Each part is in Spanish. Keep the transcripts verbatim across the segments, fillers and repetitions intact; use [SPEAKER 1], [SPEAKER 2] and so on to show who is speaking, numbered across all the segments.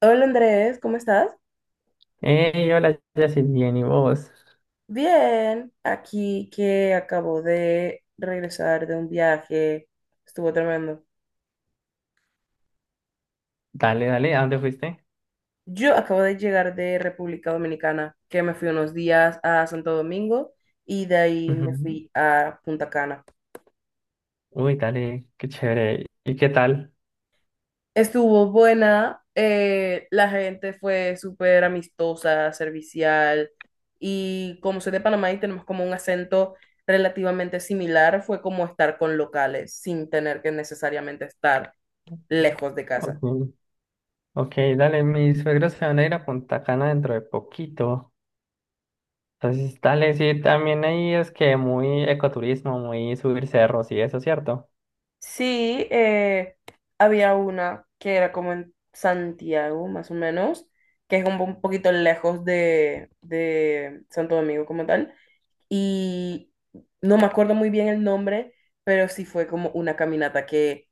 [SPEAKER 1] Hola Andrés, ¿cómo estás?
[SPEAKER 2] Hey, hola, Jessy, bien, ¿y vos?
[SPEAKER 1] Bien, aquí que acabo de regresar de un viaje, estuvo tremendo.
[SPEAKER 2] Dale, dale, ¿a dónde fuiste?
[SPEAKER 1] Yo acabo de llegar de República Dominicana, que me fui unos días a Santo Domingo y de ahí me
[SPEAKER 2] Ujú.
[SPEAKER 1] fui a Punta Cana.
[SPEAKER 2] Uy, dale, qué chévere. ¿Y qué tal?
[SPEAKER 1] Estuvo buena, eh, la gente fue súper amistosa, servicial y como soy de Panamá y tenemos como un acento relativamente similar, fue como estar con locales sin tener que necesariamente estar lejos de casa.
[SPEAKER 2] Ok, ok, dale, mis suegros se van a ir a Punta Cana dentro de poquito. Entonces, dale, sí, también ahí es que muy ecoturismo, muy subir cerros y eso, ¿cierto?
[SPEAKER 1] Sí, eh, había una que era como en Santiago, más o menos, que es como un poquito lejos de, de Santo Domingo como tal, y no me acuerdo muy bien el nombre, pero sí fue como una caminata que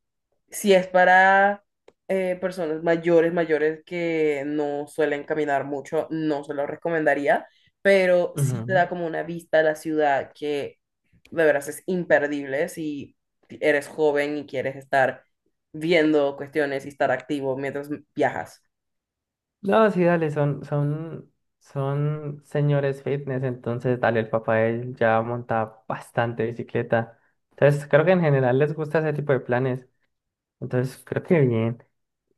[SPEAKER 1] si es para eh, personas mayores, mayores que no suelen caminar mucho, no se lo recomendaría, pero sí te
[SPEAKER 2] Ujú.
[SPEAKER 1] da como una vista a la ciudad que de veras es imperdible si eres joven y quieres estar viendo cuestiones y estar activo mientras viajas.
[SPEAKER 2] No, sí, dale, son, son, son señores fitness, entonces dale, el papá de él ya monta bastante bicicleta. Entonces, creo que en general les gusta ese tipo de planes. Entonces, creo que bien.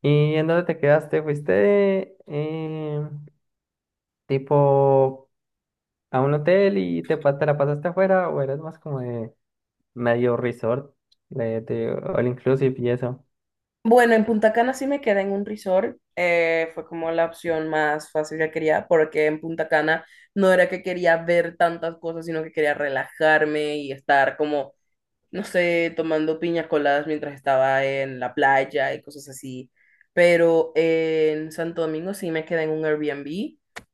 [SPEAKER 2] ¿Y en dónde te quedaste? ¿Fuiste eh, tipo a un hotel y te, pa- te la pasaste afuera o eras más como de medio resort, de, de all inclusive y eso?
[SPEAKER 1] Bueno, en Punta Cana sí me quedé en un resort, eh, fue como la opción más fácil que quería, porque en Punta Cana no era que quería ver tantas cosas, sino que quería relajarme y estar como, no sé, tomando piñas coladas mientras estaba en la playa y cosas así. Pero eh, en Santo Domingo sí me quedé en un Airbnb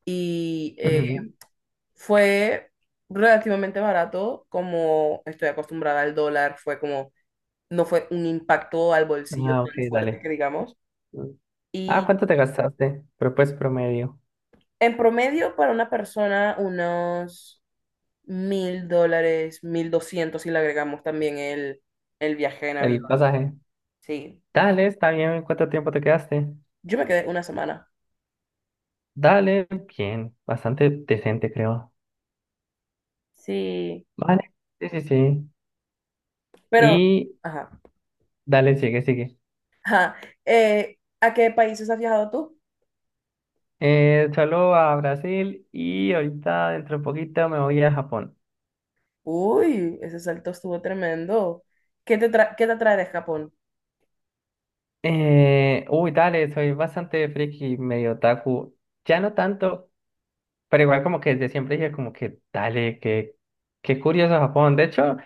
[SPEAKER 1] y eh,
[SPEAKER 2] Ujú.
[SPEAKER 1] fue relativamente barato, como estoy acostumbrada al dólar, fue como, no fue un impacto al bolsillo
[SPEAKER 2] Ah, ok,
[SPEAKER 1] tan fuerte
[SPEAKER 2] dale.
[SPEAKER 1] que digamos.
[SPEAKER 2] Mm. Ah,
[SPEAKER 1] Y
[SPEAKER 2] ¿cuánto te
[SPEAKER 1] y
[SPEAKER 2] gastaste? Pero pues promedio.
[SPEAKER 1] en promedio para una persona unos mil dólares, mil doscientos si le agregamos también el, el viaje en avión.
[SPEAKER 2] El pasaje.
[SPEAKER 1] Sí,
[SPEAKER 2] Dale, está bien. ¿Cuánto tiempo te quedaste?
[SPEAKER 1] yo me quedé una semana.
[SPEAKER 2] Dale, bien. Bastante decente, creo.
[SPEAKER 1] Sí,
[SPEAKER 2] Vale. Sí, sí, sí.
[SPEAKER 1] pero,
[SPEAKER 2] Y
[SPEAKER 1] ajá.
[SPEAKER 2] dale, sigue, sigue.
[SPEAKER 1] Ajá. Eh, ¿a qué países has viajado tú?
[SPEAKER 2] Eh, solo a Brasil y ahorita dentro de poquito me voy a Japón.
[SPEAKER 1] Uy, ese salto estuvo tremendo. ¿Qué te tra- qué te atrae de Japón?
[SPEAKER 2] Eh, uy, dale, soy bastante friki, medio otaku. Ya no tanto, pero igual como que desde siempre dije como que dale, que qué curioso Japón. De hecho,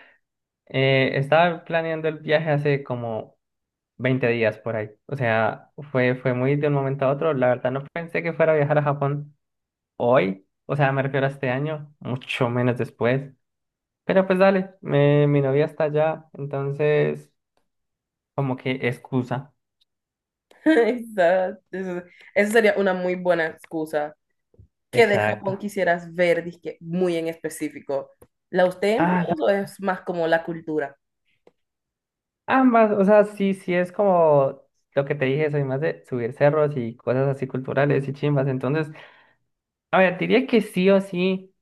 [SPEAKER 2] eh, estaba planeando el viaje hace como veinte días por ahí. O sea, fue, fue muy de un momento a otro. La verdad no pensé que fuera a viajar a Japón hoy. O sea, me refiero a este año, mucho menos después. Pero pues dale, me- mi novia está allá, entonces como que excusa.
[SPEAKER 1] Esa- esa- Esa sería una muy buena excusa. ¿Qué de
[SPEAKER 2] Exacto.
[SPEAKER 1] Japón quisieras ver, disque, muy en específico? ¿Los templos
[SPEAKER 2] Ah, la-
[SPEAKER 1] o es más como la cultura?
[SPEAKER 2] Ambas, o sea, sí, sí es como lo que te dije, soy más de subir cerros y cosas así culturales y chimbas. Entonces, a ver, diría que sí o sí,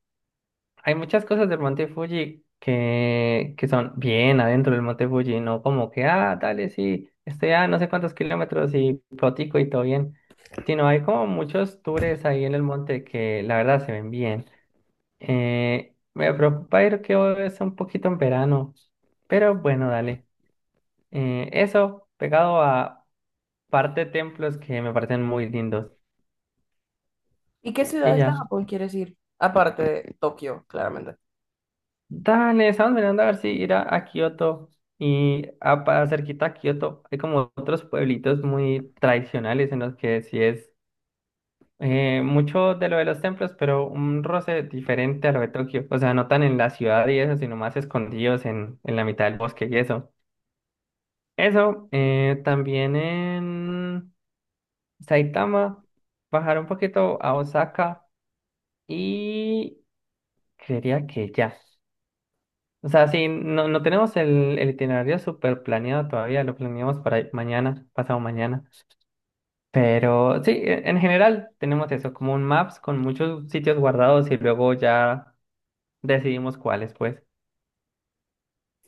[SPEAKER 2] hay muchas cosas del Monte Fuji que, que son bien adentro del Monte Fuji, no como que, ah, dale, sí, estoy a no sé cuántos kilómetros y protico y todo bien, sino hay como muchos tours ahí en el monte que la verdad se ven bien. Eh, me preocupa ir que hoy es un poquito en verano, pero bueno, dale. Eh, eso, pegado a parte templos que me parecen muy lindos.
[SPEAKER 1] ¿Y qué
[SPEAKER 2] Y
[SPEAKER 1] ciudades de
[SPEAKER 2] ya.
[SPEAKER 1] Japón quieres ir? Aparte de Tokio, claramente.
[SPEAKER 2] Dale, estamos mirando a ver si ir a, a Kioto. Y a, para cerquita a Kioto hay como otros pueblitos muy tradicionales en los que sí es eh, mucho de lo de los templos, pero un roce diferente a lo de Tokio. O sea, no tan en la ciudad y eso, sino más escondidos en, en la mitad del bosque y eso. Eso, eh, también en Saitama, bajar un poquito a Osaka y creería que ya. O sea, sí, no, no tenemos el, el itinerario súper planeado todavía, lo planeamos para mañana, pasado mañana. Pero sí, e- en general tenemos eso, como un maps con muchos sitios guardados y luego ya decidimos cuáles, pues.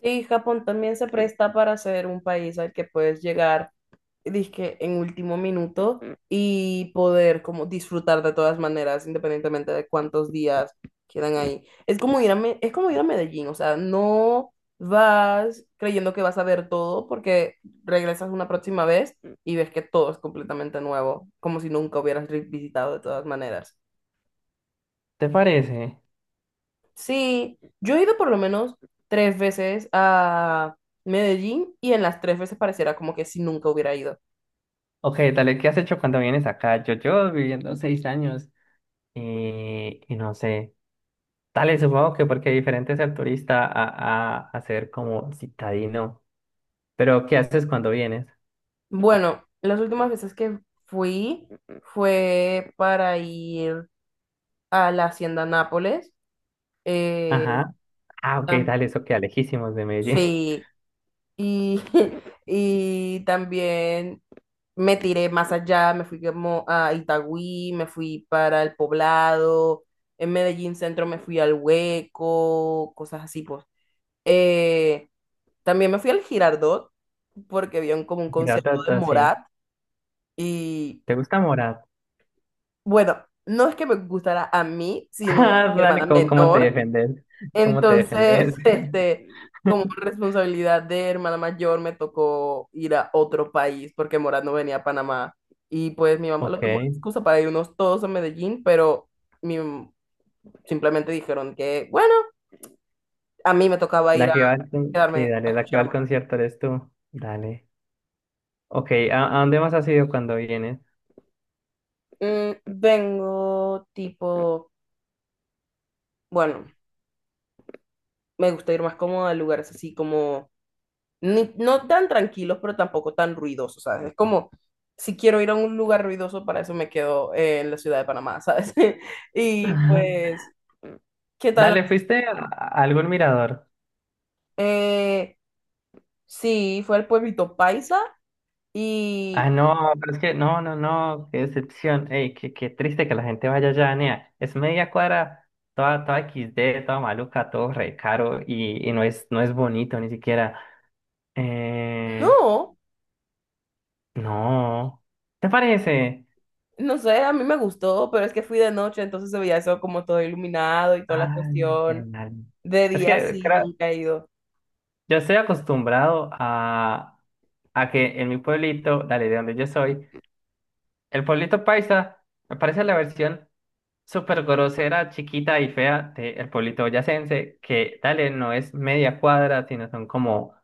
[SPEAKER 1] Sí, Japón también se presta para ser un país al que puedes llegar dizque en último minuto y poder como disfrutar de todas maneras, independientemente de cuántos días quedan ahí. Es como ir a, Me- es como ir a Medellín, o sea, no vas creyendo que vas a ver todo porque regresas una próxima vez y ves que todo es completamente nuevo, como si nunca hubieras re- visitado de todas maneras.
[SPEAKER 2] ¿Te parece?
[SPEAKER 1] Sí, yo he ido por lo menos tres veces a Medellín y en las tres veces pareciera como que si nunca hubiera ido.
[SPEAKER 2] Ok, dale, ¿qué has hecho cuando vienes acá? Yo, yo viviendo seis años y, y no sé. Dale, supongo que porque diferente es ser turista a, a, a ser como citadino. Pero, ¿qué haces cuando vienes?
[SPEAKER 1] Bueno, las últimas veces que fui fue para ir a la Hacienda Nápoles. eh,
[SPEAKER 2] Ajá. Ah, ok,
[SPEAKER 1] tam-
[SPEAKER 2] dale, eso queda lejísimos de Medellín.
[SPEAKER 1] sí, y, y también me tiré más allá, me fui como a Itagüí, me fui para el Poblado, en Medellín Centro me fui al Hueco, cosas así, pues. Eh, También me fui al Girardot porque había un- como un concierto de
[SPEAKER 2] Tata, sí.
[SPEAKER 1] Morat. Y
[SPEAKER 2] ¿Te gusta Morat?
[SPEAKER 1] Bueno, no es que me gustara a mí, sino a
[SPEAKER 2] Ah,
[SPEAKER 1] mi hermana
[SPEAKER 2] dale, ¿cómo, cómo te
[SPEAKER 1] menor.
[SPEAKER 2] defendes? ¿Cómo te
[SPEAKER 1] Entonces,
[SPEAKER 2] defendes?
[SPEAKER 1] este, como responsabilidad de hermana mayor, me tocó ir a otro país porque Morat no venía a Panamá. Y pues mi mamá lo
[SPEAKER 2] Ok.
[SPEAKER 1] tomó de excusa para irnos todos a Medellín, pero mi- simplemente dijeron que, bueno, a mí me tocaba ir
[SPEAKER 2] La
[SPEAKER 1] a
[SPEAKER 2] que va al, con- sí,
[SPEAKER 1] quedarme a
[SPEAKER 2] dale, la que
[SPEAKER 1] escuchar
[SPEAKER 2] va
[SPEAKER 1] a
[SPEAKER 2] al
[SPEAKER 1] Morat.
[SPEAKER 2] concierto eres tú. Dale. Ok, ¿a, a dónde más has ido cuando vienes?
[SPEAKER 1] Mm, vengo tipo, bueno, me gusta ir más cómoda a lugares así como ni- no tan tranquilos, pero tampoco tan ruidosos, ¿sabes? Es como, si quiero ir a un lugar ruidoso, para eso me quedo eh, en la ciudad de Panamá, ¿sabes? Y pues, ¿qué tal?
[SPEAKER 2] Dale, ¿fuiste a a algún mirador?
[SPEAKER 1] Eh, sí, fue al pueblito Paisa
[SPEAKER 2] Ah,
[SPEAKER 1] y
[SPEAKER 2] no, pero es que no, no, no, qué decepción. Ey, qué, qué triste que la gente vaya allá, nea. Es media cuadra, toda, toda equis de, toda maluca, todo re caro y, y no es, no es bonito ni siquiera. Eh,
[SPEAKER 1] no,
[SPEAKER 2] no. ¿Te parece?
[SPEAKER 1] no sé, a mí me gustó, pero es que fui de noche, entonces se veía eso como todo iluminado y toda la
[SPEAKER 2] Ay,
[SPEAKER 1] cuestión.
[SPEAKER 2] ay,
[SPEAKER 1] De
[SPEAKER 2] es
[SPEAKER 1] día
[SPEAKER 2] que
[SPEAKER 1] sí,
[SPEAKER 2] creo-
[SPEAKER 1] nunca he ido.
[SPEAKER 2] yo estoy acostumbrado a, a que en mi pueblito, dale, de donde yo soy, el pueblito paisa me parece la versión súper grosera, chiquita y fea del pueblito boyacense, que dale, no es media cuadra, sino son como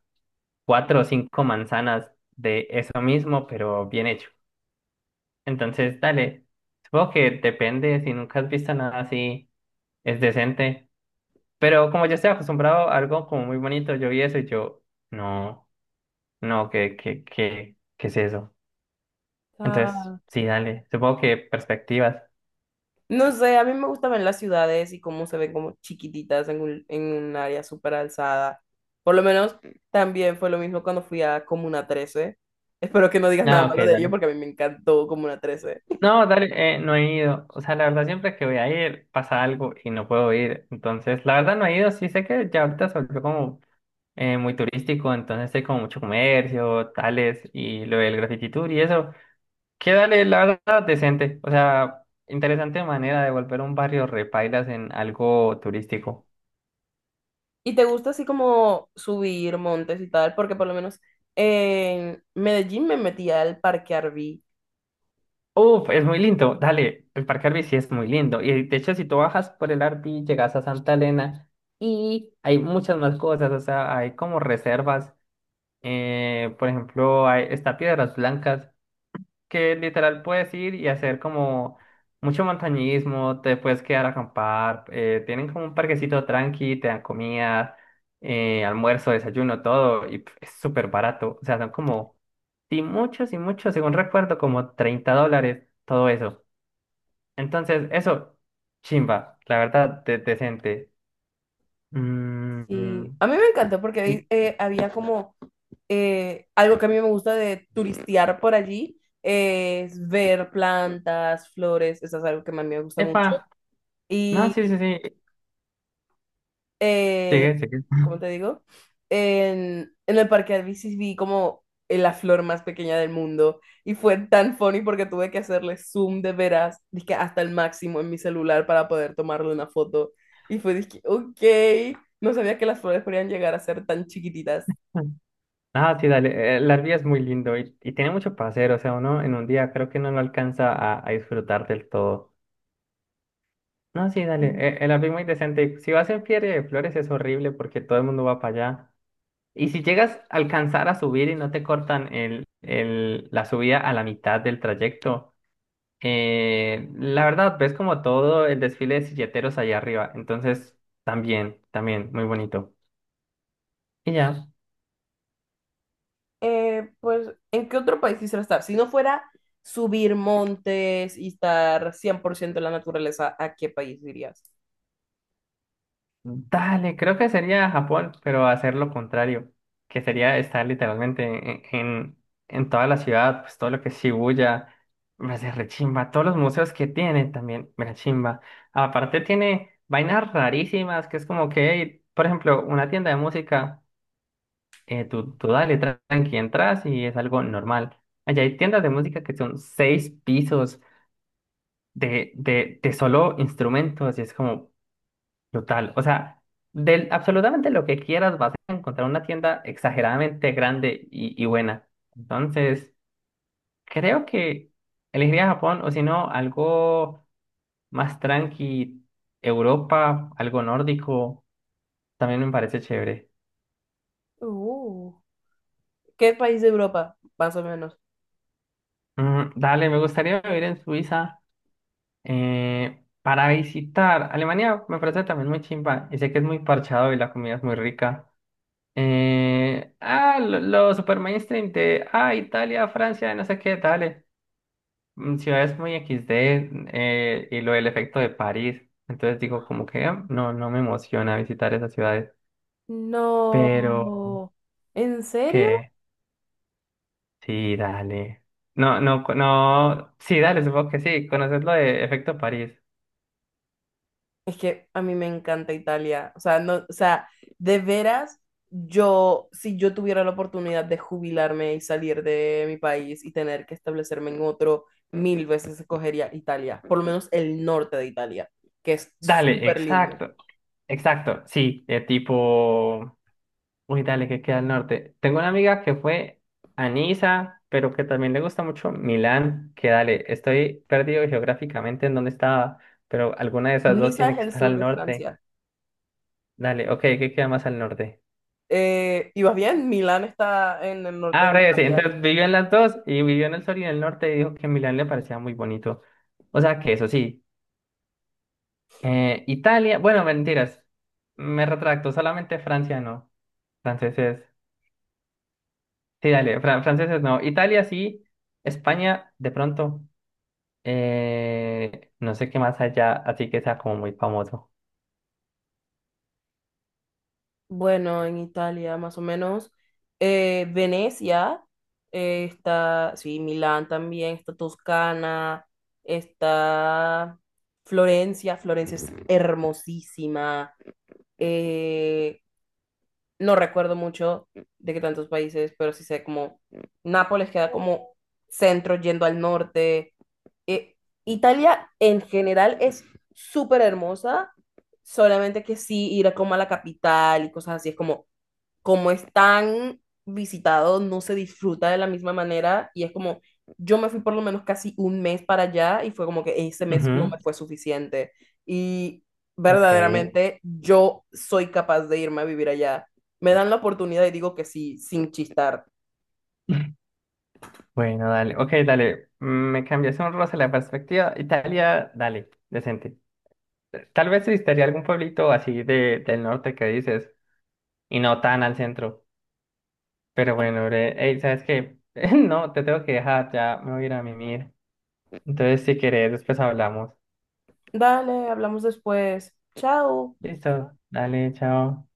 [SPEAKER 2] cuatro o cinco manzanas de eso mismo, pero bien hecho. Entonces, dale, supongo que depende, si nunca has visto nada así, es decente. Pero como yo estoy acostumbrado a algo como muy bonito, yo vi eso y yo, no, no, ¿qué, qué, qué, qué es eso? Entonces, sí, dale, supongo que perspectivas.
[SPEAKER 1] No sé, a mí me gusta ver las ciudades y cómo se ven como chiquititas en un, en un área súper alzada. Por lo menos también fue lo mismo cuando fui a Comuna trece. Espero que no digas nada
[SPEAKER 2] Ah, ok,
[SPEAKER 1] malo de ello
[SPEAKER 2] dale.
[SPEAKER 1] porque a mí me encantó Comuna trece.
[SPEAKER 2] No, dale, eh, no he ido. O sea, la verdad, siempre que voy a ir pasa algo y no puedo ir. Entonces, la verdad, no he ido. Sí sé que ya ahorita se volvió como eh, muy turístico, entonces hay como mucho comercio, tales, y lo del graffiti tour y eso. Que dale, la verdad, decente. O sea, interesante manera de volver un barrio repailas en algo turístico.
[SPEAKER 1] ¿Y te gusta así como subir montes y tal? Porque por lo menos en Medellín me metí al Parque Arví.
[SPEAKER 2] Uf, es muy lindo. Dale, el Parque Arví sí es muy lindo. Y de hecho, si tú bajas por el Arví, llegas a Santa Elena y hay muchas más cosas. O sea, hay como reservas. Eh, por ejemplo, hay, está Piedras Blancas, que literal puedes ir y hacer como mucho montañismo, te puedes quedar a acampar, eh, tienen como un parquecito tranqui, te dan comida, eh, almuerzo, desayuno, todo, y pf, es súper barato. O sea, son como, sí, muchos y muchos, según recuerdo, como treinta dólares, todo eso. Entonces, eso, chimba, la verdad, de- decente. Mm,
[SPEAKER 1] Sí, a mí me encantó
[SPEAKER 2] y,
[SPEAKER 1] porque eh, había como eh, algo que a mí me gusta de turistear por allí, eh, es ver plantas, flores, eso es algo que a mí me gusta mucho.
[SPEAKER 2] epa, no, sí,
[SPEAKER 1] Y,
[SPEAKER 2] sí, sí,
[SPEAKER 1] eh,
[SPEAKER 2] sigue, sigue.
[SPEAKER 1] ¿cómo te digo? En, en el parque de bicis vi como en la flor más pequeña del mundo y fue tan funny porque tuve que hacerle zoom de veras, dizque hasta el máximo en mi celular para poder tomarle una foto. Y fue, dizque, ok, no sabía que las flores podían llegar a ser tan chiquititas.
[SPEAKER 2] Ah, sí, dale. eh, La Arvia es muy lindo y, y tiene mucho para hacer. O sea, uno en un día creo que no lo alcanza a, a disfrutar del todo. No, sí, dale. eh, El Arvia es muy decente. Si vas en Feria de Flores es horrible porque todo el mundo va para allá. Y si llegas a alcanzar a subir y no te cortan el, el, la subida a la mitad del trayecto, eh, la verdad, ves como todo el desfile de silleteros allá arriba. Entonces, también, también, muy bonito. Y ya.
[SPEAKER 1] Eh, pues, ¿en qué otro país quisiera estar? Si no fuera subir montes y estar cien por ciento en la naturaleza, ¿a qué país dirías?
[SPEAKER 2] Dale, creo que sería Japón, pero hacer lo contrario, que sería estar literalmente en, en, en toda la ciudad, pues todo lo que es Shibuya, me hace rechimba, todos los museos que tiene también, me rechimba. Aparte tiene vainas rarísimas, que es como que, hey, por ejemplo, una tienda de música, eh, tú, tú dale, tra- tranqui, entras y es algo normal. Allá hay tiendas de música que son seis pisos de, de, de solo instrumentos y es como, total, o sea, de absolutamente lo que quieras vas a encontrar una tienda exageradamente grande y, y buena. Entonces, creo que elegiría Japón o si no, algo más tranqui, Europa, algo nórdico, también me parece chévere.
[SPEAKER 1] Uh, ¿Qué país de Europa, más o menos?
[SPEAKER 2] Mm, dale, me gustaría vivir en Suiza eh, para visitar. Alemania me parece también muy chimba y sé que es muy parchado y la comida es muy rica. Eh, ah, lo, lo super mainstream de, ah, Italia, Francia, no sé qué, dale. Mm, ciudades muy equis de eh, y lo del efecto de París. Entonces digo, como que ah, no, no me emociona visitar esas ciudades. Pero,
[SPEAKER 1] No. ¿En serio?
[SPEAKER 2] ¿qué? Sí, dale. No, no, co- no. Sí, dale, supongo que sí. Conoces lo de efecto París.
[SPEAKER 1] Es que a mí me encanta Italia. O sea, no, o sea, de veras, yo, si yo tuviera la oportunidad de jubilarme y salir de mi país y tener que establecerme en otro, mil veces escogería Italia, por lo menos el norte de Italia, que es
[SPEAKER 2] Dale,
[SPEAKER 1] súper lindo.
[SPEAKER 2] exacto. Exacto, sí. Eh, tipo. Uy, dale, que queda al norte. Tengo una amiga que fue a Niza, pero que también le gusta mucho Milán, que dale, estoy perdido geográficamente en dónde estaba, pero alguna de esas dos
[SPEAKER 1] Niza
[SPEAKER 2] tiene
[SPEAKER 1] es
[SPEAKER 2] que
[SPEAKER 1] el
[SPEAKER 2] estar
[SPEAKER 1] sur
[SPEAKER 2] al
[SPEAKER 1] de
[SPEAKER 2] norte.
[SPEAKER 1] Francia.
[SPEAKER 2] Dale, ok, ¿qué queda más al norte?
[SPEAKER 1] Eh, ¿y vas bien? Milán está en el norte
[SPEAKER 2] Ah,
[SPEAKER 1] de
[SPEAKER 2] breve, sí,
[SPEAKER 1] Italia.
[SPEAKER 2] entonces vivió en las dos y vivió en el sur y en el norte y dijo que Milán le parecía muy bonito. O sea que eso sí, eh, Italia, bueno, mentiras, me retracto, solamente Francia no, franceses, sí, dale, fran- franceses no, Italia sí, España de pronto. Eh, no sé qué más allá, así que sea como muy famoso.
[SPEAKER 1] Bueno, en Italia, más o menos. eh, Venecia, eh, está, sí, Milán también, está Toscana, está Florencia. Florencia es hermosísima. eh, no recuerdo mucho de qué tantos países, pero sí sé como Nápoles queda como centro yendo al norte. eh, Italia en general es súper hermosa, solamente que sí ir como a la capital y cosas así es como como es tan visitado, no se disfruta de la misma manera y es como, yo me fui por lo menos casi un mes para allá y fue como que ese mes no
[SPEAKER 2] Ujú,
[SPEAKER 1] me fue suficiente. Y
[SPEAKER 2] ok.
[SPEAKER 1] verdaderamente yo soy capaz de irme a vivir allá. Me dan la oportunidad y digo que sí, sin chistar.
[SPEAKER 2] Bueno, dale. Ok, dale. Me cambiaste un roce la perspectiva. Italia, dale, decente. Tal vez visitaría algún pueblito así de, del norte que dices, y no tan al centro. Pero bueno, bre, ey, ¿sabes qué? No, te tengo que dejar, ya me voy a ir a mimir. Entonces, si querés, después hablamos.
[SPEAKER 1] Dale, hablamos después. Chao.
[SPEAKER 2] Listo, dale, chao.